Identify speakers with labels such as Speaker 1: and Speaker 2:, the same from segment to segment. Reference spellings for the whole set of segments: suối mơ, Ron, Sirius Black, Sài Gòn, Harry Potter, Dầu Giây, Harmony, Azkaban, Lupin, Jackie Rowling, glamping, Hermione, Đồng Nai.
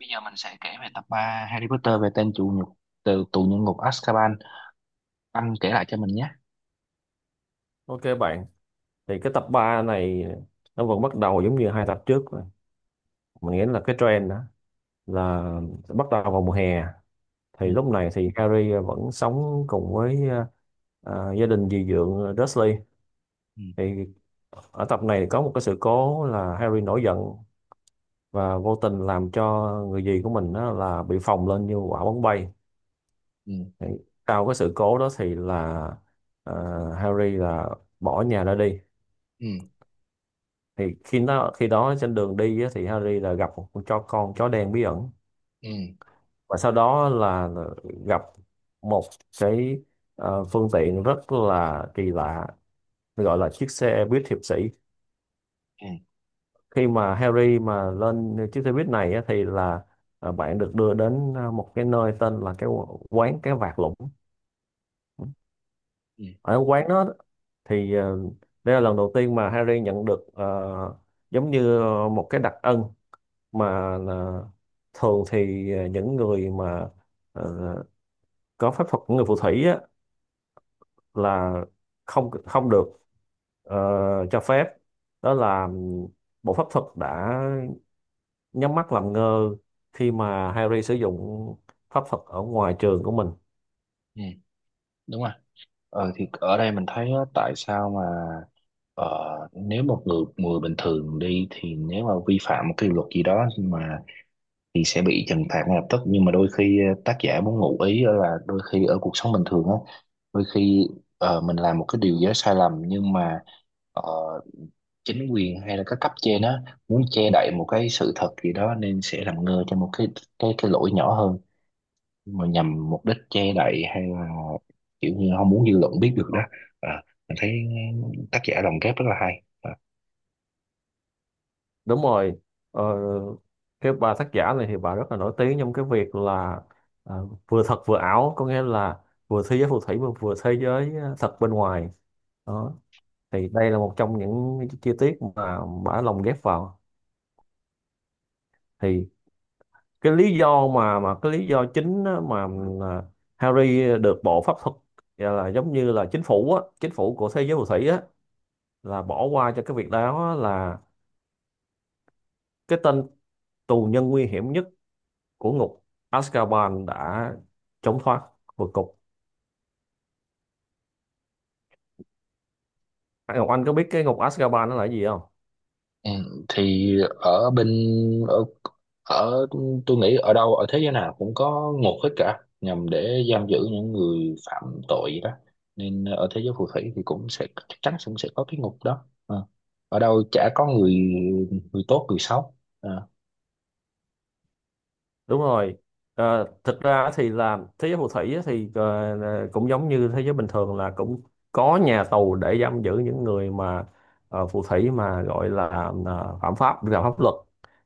Speaker 1: Bây giờ mình sẽ kể về tập 3 Harry Potter về tên tù nhục từ tù nhân ngục Azkaban. Anh kể lại cho mình nhé.
Speaker 2: Ok bạn, thì cái tập 3 này nó vẫn bắt đầu giống như 2 tập trước rồi. Mình nghĩ là cái trend đó là bắt đầu vào mùa hè. Thì
Speaker 1: Ừ,
Speaker 2: lúc này thì Harry vẫn sống cùng với gia đình dì dượng Dursley.
Speaker 1: ừ,
Speaker 2: Thì ở tập này có một cái sự cố là Harry nổi giận và vô tình làm cho người dì của mình đó là bị phồng lên như quả bóng bay.
Speaker 1: ừ,
Speaker 2: Thì sau cái sự cố đó thì là ờ, Harry là bỏ nhà ra đi.
Speaker 1: ừ,
Speaker 2: Thì khi đó trên đường đi á, thì Harry là gặp một con chó đen bí ẩn,
Speaker 1: ừ,
Speaker 2: và sau đó là gặp một cái phương tiện rất là kỳ lạ gọi là chiếc xe buýt hiệp sĩ.
Speaker 1: ừ,
Speaker 2: Khi mà Harry mà lên chiếc xe buýt này á, thì là bạn được đưa đến một cái nơi tên là cái quán cái vạc lũng.
Speaker 1: ừ,
Speaker 2: Ở quán đó thì đây là lần đầu tiên mà Harry nhận được giống như một cái đặc ân mà là thường thì những người mà ờ, có pháp thuật của người phù thủy á, là không không được ờ, cho phép, đó là bộ pháp thuật đã nhắm mắt làm ngơ khi mà Harry sử dụng pháp thuật ở ngoài trường của mình.
Speaker 1: ừ. Đúng rồi. Thì ở đây mình thấy á, tại sao mà nếu một người người bình thường đi thì nếu mà vi phạm một cái luật gì đó nhưng mà thì sẽ bị trừng phạt ngay lập tức, nhưng mà đôi khi tác giả muốn ngụ ý á là đôi khi ở cuộc sống bình thường á, đôi khi mình làm một cái điều gì đó sai lầm nhưng mà ờ, chính quyền hay là các cấp trên á muốn che đậy một cái sự thật gì đó nên sẽ làm ngơ cho một cái lỗi nhỏ hơn mà nhằm mục đích che đậy hay là kiểu như không muốn dư luận biết được đó. À, mình thấy tác giả lồng ghép rất là hay.
Speaker 2: Đúng rồi. ờ, cái bà tác giả này thì bà rất là nổi tiếng trong cái việc là vừa thật vừa ảo, có nghĩa là vừa thế giới phù thủy mà vừa thế giới thật bên ngoài đó. Thì đây là một trong những cái chi tiết mà bả lồng ghép vào. Thì cái lý do mà cái lý do chính á, mà là Harry được bộ pháp thuật gọi là giống như là chính phủ á, chính phủ của thế giới phù thủy á là bỏ qua cho cái việc đó á, là cái tên tù nhân nguy hiểm nhất của ngục Azkaban đã trốn thoát vượt cục. Ngọc Anh có biết cái ngục Azkaban nó là cái gì không?
Speaker 1: Ừ, thì ở bên ở ở tôi nghĩ ở đâu ở thế giới nào cũng có ngục hết cả, nhằm để giam giữ những người phạm tội vậy đó, nên ở thế giới phù thủy thì cũng sẽ chắc chắn cũng sẽ có cái ngục đó. Ờ. Ở đâu chả có người người tốt người xấu. Ờ.
Speaker 2: Đúng rồi. Thực ra thì là thế giới phù thủy á thì cũng giống như thế giới bình thường là cũng có nhà tù để giam giữ những người mà phù thủy mà gọi là phạm pháp vi phạm pháp luật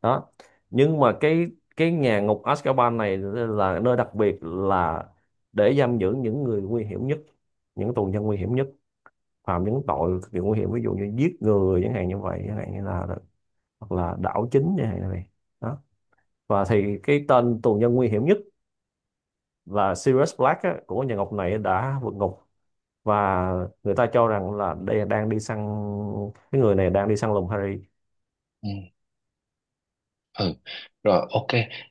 Speaker 2: đó. Nhưng mà cái nhà ngục Azkaban này là nơi đặc biệt là để giam giữ những người nguy hiểm nhất, những tù nhân nguy hiểm nhất, phạm những tội cực kỳ nguy hiểm, ví dụ như giết người chẳng hạn như vậy, chẳng hạn như là hoặc là đảo chính chẳng hạn như vậy đó. Và thì cái tên tù nhân nguy hiểm nhất là Sirius Black á, của nhà Ngọc này đã vượt ngục, và người ta cho rằng là đây đang đi săn, cái người này đang đi săn lùng Harry.
Speaker 1: Ừ. Ừ, rồi ok.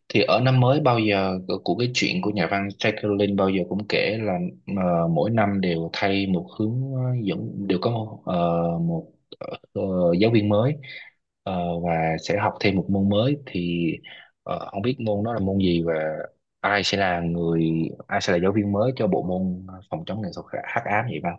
Speaker 1: Thì ở năm mới bao giờ của cái chuyện của nhà văn Jackie Rowling bao giờ cũng kể là mỗi năm đều thay một hướng dẫn, đều có ờ, giáo viên mới, và sẽ học thêm một môn mới, thì không biết môn đó là môn gì và ai sẽ là người ai sẽ là giáo viên mới cho bộ môn phòng chống nghệ thuật hắc ám vậy Văn?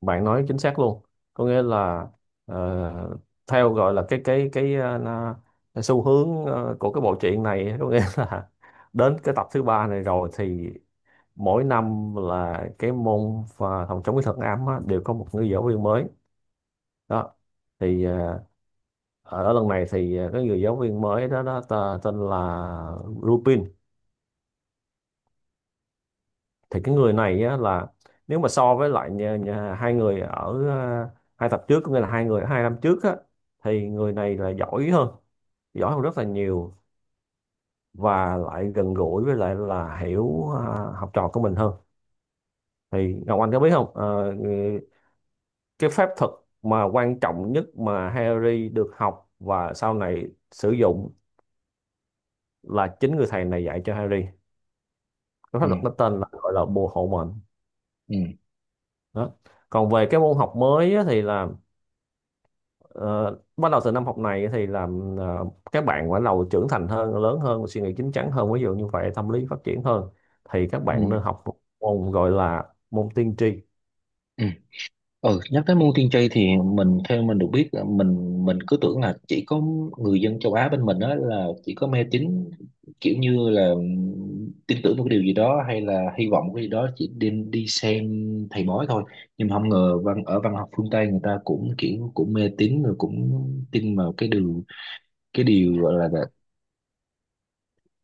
Speaker 2: Bạn nói chính xác luôn, có nghĩa là ờ, theo gọi là cái, cái xu hướng của cái bộ truyện này, có nghĩa là đến cái tập thứ ba này rồi thì mỗi năm là cái môn và phòng chống cái thuật ám á, đều có một người giáo viên mới đó. Thì ở lần này thì cái người giáo viên mới đó, đó ta, tên là Lupin. Thì cái người này á, là nếu mà so với lại nhà, nhà, hai người ở hai tập trước, có nghĩa là hai người 2 năm trước á, thì người này là giỏi hơn, giỏi hơn rất là nhiều và lại gần gũi với lại là hiểu học trò của mình hơn. Thì Ngọc Anh có biết không, cái phép thuật mà quan trọng nhất mà Harry được học và sau này sử dụng là chính người thầy này dạy cho Harry, cái pháp
Speaker 1: Ừ,
Speaker 2: luật nó tên là gọi là bồ hộ mệnh
Speaker 1: ừ,
Speaker 2: đó. Còn về cái môn học mới á, thì là ờ, bắt đầu từ năm học này thì là ờ, các bạn bắt đầu trưởng thành hơn, lớn hơn, suy nghĩ chín chắn hơn, ví dụ như vậy, tâm lý phát triển hơn, thì các bạn
Speaker 1: Ừ.
Speaker 2: nên học một môn gọi là môn tiên tri.
Speaker 1: Ừ. Ừ, nhắc tới môn tiên tri thì theo mình được biết là mình cứ tưởng là chỉ có người dân châu Á bên mình đó là chỉ có mê tín, kiểu như là tin tưởng một cái điều gì đó hay là hy vọng một cái gì đó chỉ đi đi xem thầy bói thôi, nhưng mà không ngờ văn ở văn học phương Tây người ta cũng kiểu cũng mê tín rồi cũng tin vào cái điều gọi là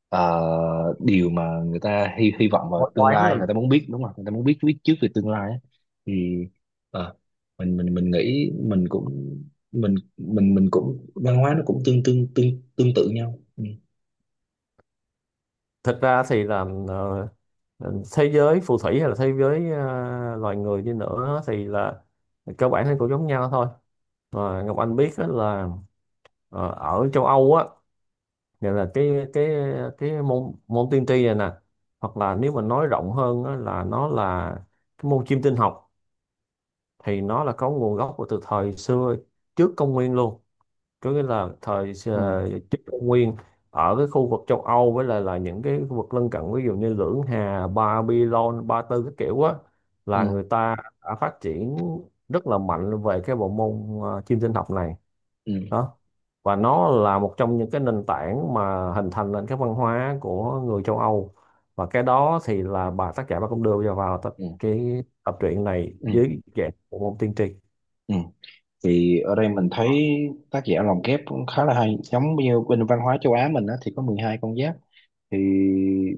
Speaker 1: ờ, điều mà người ta hy hy vọng vào tương lai, người ta muốn biết đúng không, người ta muốn biết biết trước về tương lai á. Thì ờ, mình nghĩ mình cũng mình cũng văn hóa nó cũng tương tương tương tương tự nhau. Ừ.
Speaker 2: Thực ra thì là thế giới phù thủy hay là thế giới loài người đi nữa thì là cơ bản thì cũng giống nhau thôi. Và Ngọc Anh biết á là ở châu Âu á, nghĩa là cái môn môn tiên tri này nè, hoặc là nếu mà nói rộng hơn á, là nó là cái môn chiêm tinh học, thì nó là có nguồn gốc của từ thời xưa, trước công nguyên luôn, có nghĩa là thời
Speaker 1: Ừ
Speaker 2: trước công nguyên ở cái khu vực châu Âu với lại là những cái khu vực lân cận, ví dụ như Lưỡng Hà, Babylon, Ba Tư các kiểu á,
Speaker 1: ừ
Speaker 2: là người ta đã phát triển rất là mạnh về cái bộ môn chiêm tinh học này
Speaker 1: Ừ,
Speaker 2: đó. Và nó là một trong những cái nền tảng mà hình thành nền cái văn hóa của người châu Âu. Và cái đó thì là bà tác giả bà cũng đưa vào vào tập,
Speaker 1: ừ,
Speaker 2: cái tập truyện này
Speaker 1: ừ,
Speaker 2: dưới dạng của môn tiên tri
Speaker 1: ừ. Thì ở đây mình thấy tác giả lồng ghép cũng khá là hay. Giống như bên văn hóa châu Á mình á, thì có 12 con giáp. Thì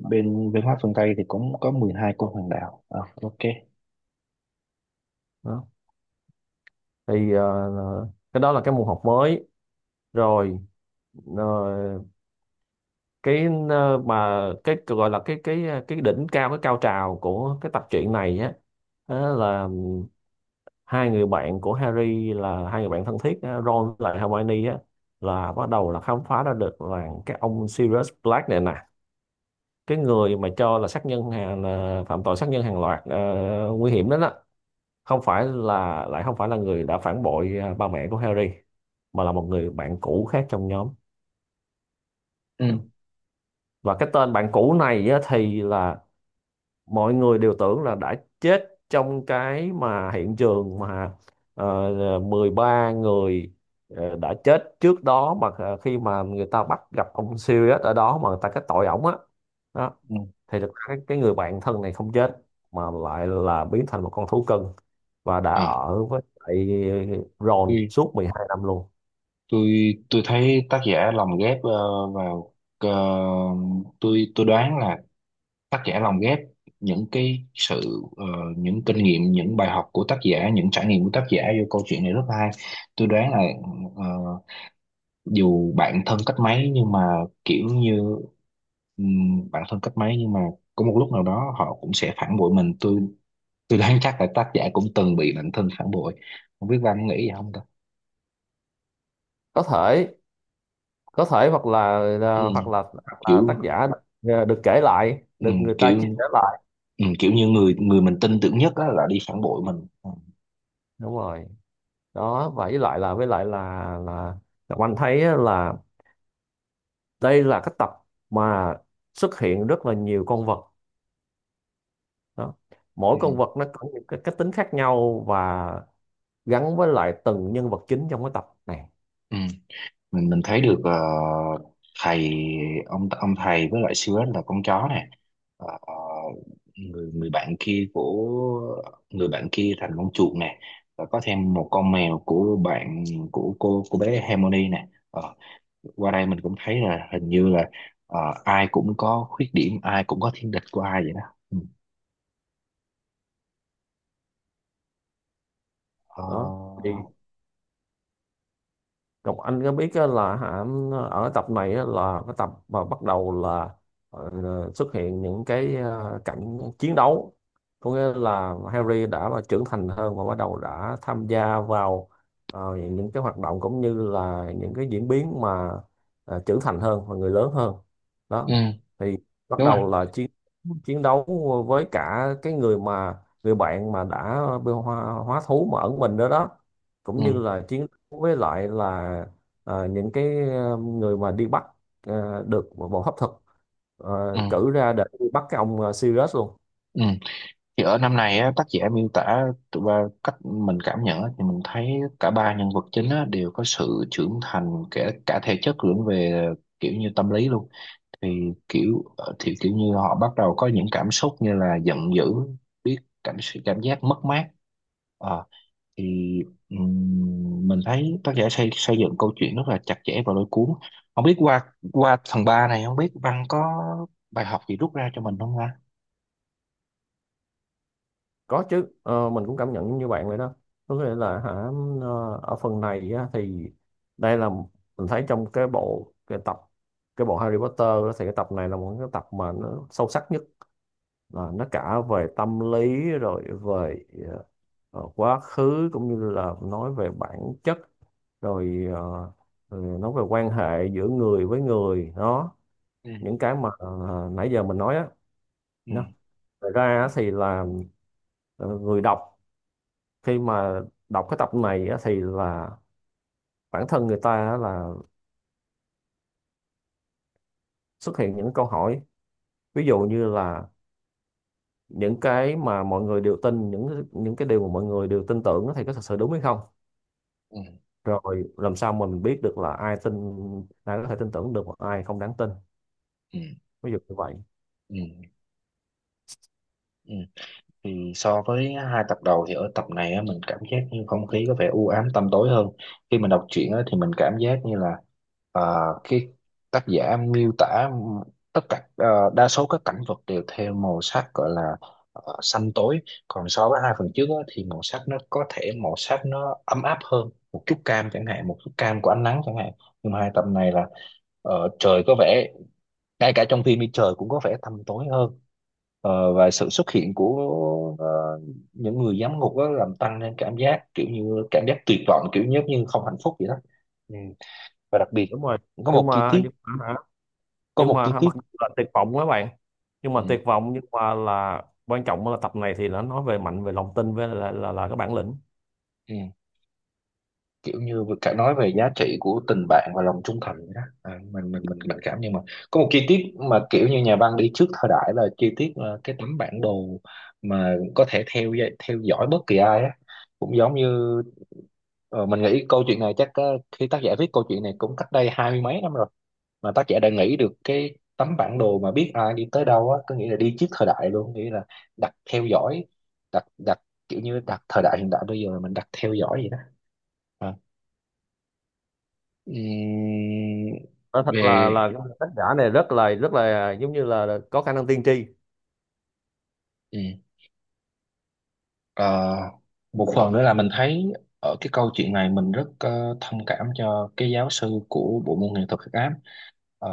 Speaker 1: bên văn hóa phương Tây thì cũng có 12 con hoàng đạo. Ờ, ok.
Speaker 2: đó. Thì cái đó là cái môn học mới rồi. ờ, cái mà cái gọi là cái cái đỉnh cao, cái cao trào của cái tập truyện này á, đó là hai người bạn của Harry là hai người bạn thân thiết á, Ron với lại Hermione á, là bắt đầu là khám phá ra được là cái ông Sirius Black này nè, cái người mà cho là sát nhân hàng là phạm tội sát nhân hàng loạt nguy hiểm đó đó, không phải là lại không phải là người đã phản bội à, ba mẹ của Harry, mà là một người bạn cũ khác trong nhóm.
Speaker 1: Ừ,
Speaker 2: Và cái tên bạn cũ này á, thì là mọi người đều tưởng là đã chết trong cái mà hiện trường mà ờ, 13 người đã chết trước đó mà khi mà người ta bắt gặp ông Sirius ở đó mà người ta kết tội ổng á đó.
Speaker 1: ừ.
Speaker 2: Thì được cái người bạn thân này không chết mà lại là biến thành một con thú cưng và đã
Speaker 1: À.
Speaker 2: ở với lại Ron suốt 12 năm luôn.
Speaker 1: tôi tôi thấy tác giả lồng ghép vào, tôi đoán là tác giả lồng ghép những cái sự, những kinh nghiệm, những bài học của tác giả, những trải nghiệm của tác giả vô câu chuyện này rất hay. Tôi đoán là ờ, dù bạn thân cách mấy nhưng mà kiểu như bạn thân cách mấy nhưng mà có một lúc nào đó họ cũng sẽ phản bội mình. Tôi đoán chắc là tác giả cũng từng bị bạn thân phản bội. Không biết Văn nghĩ gì không ta.
Speaker 2: có thể có thể hoặc là
Speaker 1: Ừ,
Speaker 2: hoặc là tác
Speaker 1: kiểu.
Speaker 2: giả được kể lại,
Speaker 1: Ừ,
Speaker 2: được người ta chia sẻ
Speaker 1: kiểu.
Speaker 2: lại.
Speaker 1: Ừ, kiểu như người người mình tin tưởng nhất á, là đi phản bội mình. Ừ,
Speaker 2: Đúng rồi, đó vậy lại là với lại là Ngọc Anh thấy á, là đây là cái tập mà xuất hiện rất là nhiều con vật đó. Mỗi
Speaker 1: ừ.
Speaker 2: con vật nó có những cái tính khác nhau và gắn với lại từng nhân vật chính trong cái tập này
Speaker 1: Ừ. mình thấy được thầy ông thầy với lại siêu là con chó này. Ờ, người người bạn kia của người bạn kia thành con chuột này, và có thêm một con mèo của bạn của cô bé Harmony này. Ờ, qua đây mình cũng thấy là hình như là ờ, ai cũng có khuyết điểm, ai cũng có thiên địch của ai vậy đó. Ừ. Ờ,
Speaker 2: đó. Thì Ngọc Anh có biết á là hả, ở tập này á là cái tập mà bắt đầu là ờ, xuất hiện những cái cảnh chiến đấu, có nghĩa là Harry đã là trưởng thành hơn và bắt đầu đã tham gia vào những cái hoạt động cũng như là những cái diễn biến mà trưởng thành hơn và người lớn hơn đó.
Speaker 1: ừ,
Speaker 2: Thì bắt
Speaker 1: đúng rồi,
Speaker 2: đầu là chiến chiến đấu với cả cái người mà người bạn mà đã bị hóa thú mà ẩn mình đó đó, cũng
Speaker 1: ừ,
Speaker 2: như là chiến với lại là những cái người mà đi bắt được bộ hấp thực
Speaker 1: ừ,
Speaker 2: cử ra để đi bắt cái ông Sirius luôn.
Speaker 1: ừ. Thì ở năm này á, tác giả miêu tả tụi ba cách mình cảm nhận á, thì mình thấy cả ba nhân vật chính á, đều có sự trưởng thành kể cả thể chất lẫn về kiểu như tâm lý luôn. Thì thì kiểu như họ bắt đầu có những cảm xúc như là giận dữ, biết cảm cảm giác mất mát. Ờ, thì mình thấy tác giả xây xây dựng câu chuyện rất là chặt chẽ và lôi cuốn. Không biết qua qua phần 3 này, không biết Văn có bài học gì rút ra cho mình không ha.
Speaker 2: Có chứ, mình cũng cảm nhận như bạn vậy đó, có nghĩa là hả, ở phần này á, thì đây là mình thấy trong cái bộ cái tập cái bộ Harry Potter á, thì cái tập này là một cái tập mà nó sâu sắc nhất, là nó cả về tâm lý rồi về quá khứ cũng như là nói về bản chất, rồi nói về quan hệ giữa người với người đó,
Speaker 1: Ừ
Speaker 2: những cái mà nãy giờ mình nói á
Speaker 1: ừ
Speaker 2: nhá. Thật ra á thì là người đọc khi mà đọc cái tập này á, thì là bản thân người ta á là xuất hiện những câu hỏi, ví dụ như là những cái mà mọi người đều tin những cái điều mà mọi người đều tin tưởng á thì có thật sự đúng hay không,
Speaker 1: ừ
Speaker 2: rồi làm sao mà mình biết được là ai tin, ai có thể tin tưởng được và ai không đáng tin,
Speaker 1: ừ.
Speaker 2: ví dụ như vậy.
Speaker 1: Ừ, ừ. Thì so với hai tập đầu thì ở tập này á, mình cảm giác như không khí có vẻ u ám tăm tối hơn. Khi mình đọc truyện á, thì mình cảm giác như là ờ, cái tác giả miêu tả tất cả đa số các cảnh vật đều theo màu sắc gọi là xanh tối. Còn so với hai phần trước á, thì màu sắc nó có thể màu sắc nó ấm áp hơn, một chút cam chẳng hạn, một chút cam của ánh nắng chẳng hạn. Nhưng mà hai tập này là trời có vẻ, ngay cả trong phim đi trời cũng có vẻ tăm tối hơn. Và sự xuất hiện của ờ, những người giám ngục đó làm tăng lên cảm giác, kiểu như cảm giác tuyệt vọng, kiểu giống như không hạnh phúc vậy đó. Ừ. Và đặc biệt
Speaker 2: Đúng rồi.
Speaker 1: có một chi tiết
Speaker 2: Nhưng mà hả,
Speaker 1: có
Speaker 2: nhưng
Speaker 1: một chi
Speaker 2: mà
Speaker 1: tiết.
Speaker 2: mặc dù là tuyệt vọng các bạn, nhưng
Speaker 1: Ừ.
Speaker 2: mà tuyệt vọng nhưng mà là quan trọng là tập này thì nó nói về mạnh về lòng tin với là cái bản lĩnh.
Speaker 1: Ừ. Kiểu như vừa cả nói về giá trị của tình bạn và lòng trung thành vậy đó. À, mình cảm nhưng mà có một chi tiết mà kiểu như nhà văn đi trước thời đại, là chi tiết là cái tấm bản đồ mà có thể theo dõi bất kỳ ai á, cũng giống như. Mình nghĩ câu chuyện này chắc khi tác giả viết câu chuyện này cũng cách đây hai mươi mấy năm rồi, mà tác giả đã nghĩ được cái tấm bản đồ mà biết ai đi tới đâu á, có nghĩa là đi trước thời đại luôn, nghĩa là đặt theo dõi, đặt đặt kiểu như đặt thời đại hiện đại bây giờ mình đặt theo dõi vậy đó. À. Ừm,
Speaker 2: Nói thật là
Speaker 1: về
Speaker 2: cái tác giả này rất là giống như là có khả năng tiên tri.
Speaker 1: ừm, ờ, Một phần nữa là mình thấy ở cái câu chuyện này mình rất thông cảm cho cái giáo sư của bộ môn nghệ thuật hắc ám. Ờ,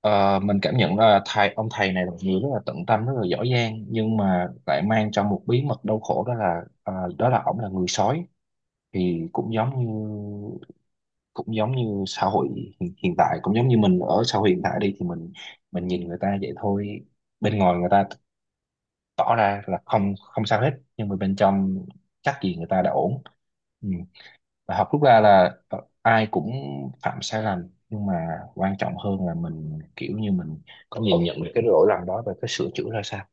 Speaker 1: Ờ, mình cảm nhận là thầy, ông thầy này là một người rất là tận tâm, rất là giỏi giang, nhưng mà lại mang trong một bí mật đau khổ, đó là ổng là người sói. Thì cũng giống như xã hội hiện tại, cũng giống như mình ở xã hội hiện tại đi thì mình nhìn người ta vậy thôi, bên ngoài người ta tỏ ra là không không sao hết, nhưng mà bên trong chắc gì người ta đã ổn. Ừ. Và học rút ra là ai cũng phạm sai lầm, nhưng mà quan trọng hơn là mình kiểu như mình có nhìn nhận được cái lỗi lầm đó và cái sửa chữa ra sao.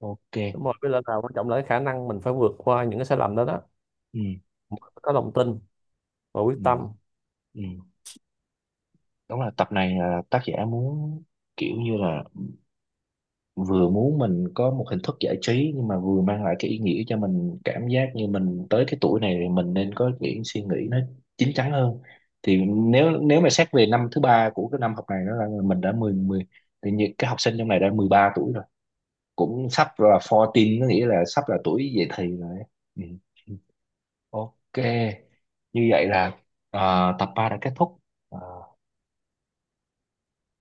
Speaker 1: Ok.
Speaker 2: Đúng rồi, với lại là quan trọng là cái khả năng mình phải vượt qua những cái sai lầm đó đó,
Speaker 1: Ừ,
Speaker 2: có lòng tin và quyết
Speaker 1: ừ,
Speaker 2: tâm.
Speaker 1: ừ. Đúng là tập này là tác giả muốn, kiểu như là vừa muốn mình có một hình thức giải trí nhưng mà vừa mang lại cái ý nghĩa cho mình, cảm giác như mình tới cái tuổi này thì mình nên có những suy nghĩ nó chín chắn hơn. Thì nếu nếu mà xét về năm thứ ba của cái năm học này nó là mình đã mười mười, thì những cái học sinh trong này đã 13 tuổi rồi, cũng sắp là 14, có nghĩa là sắp là tuổi dậy thì rồi. Ừ. Ok. Như vậy là à, tập 3 đã kết thúc. À,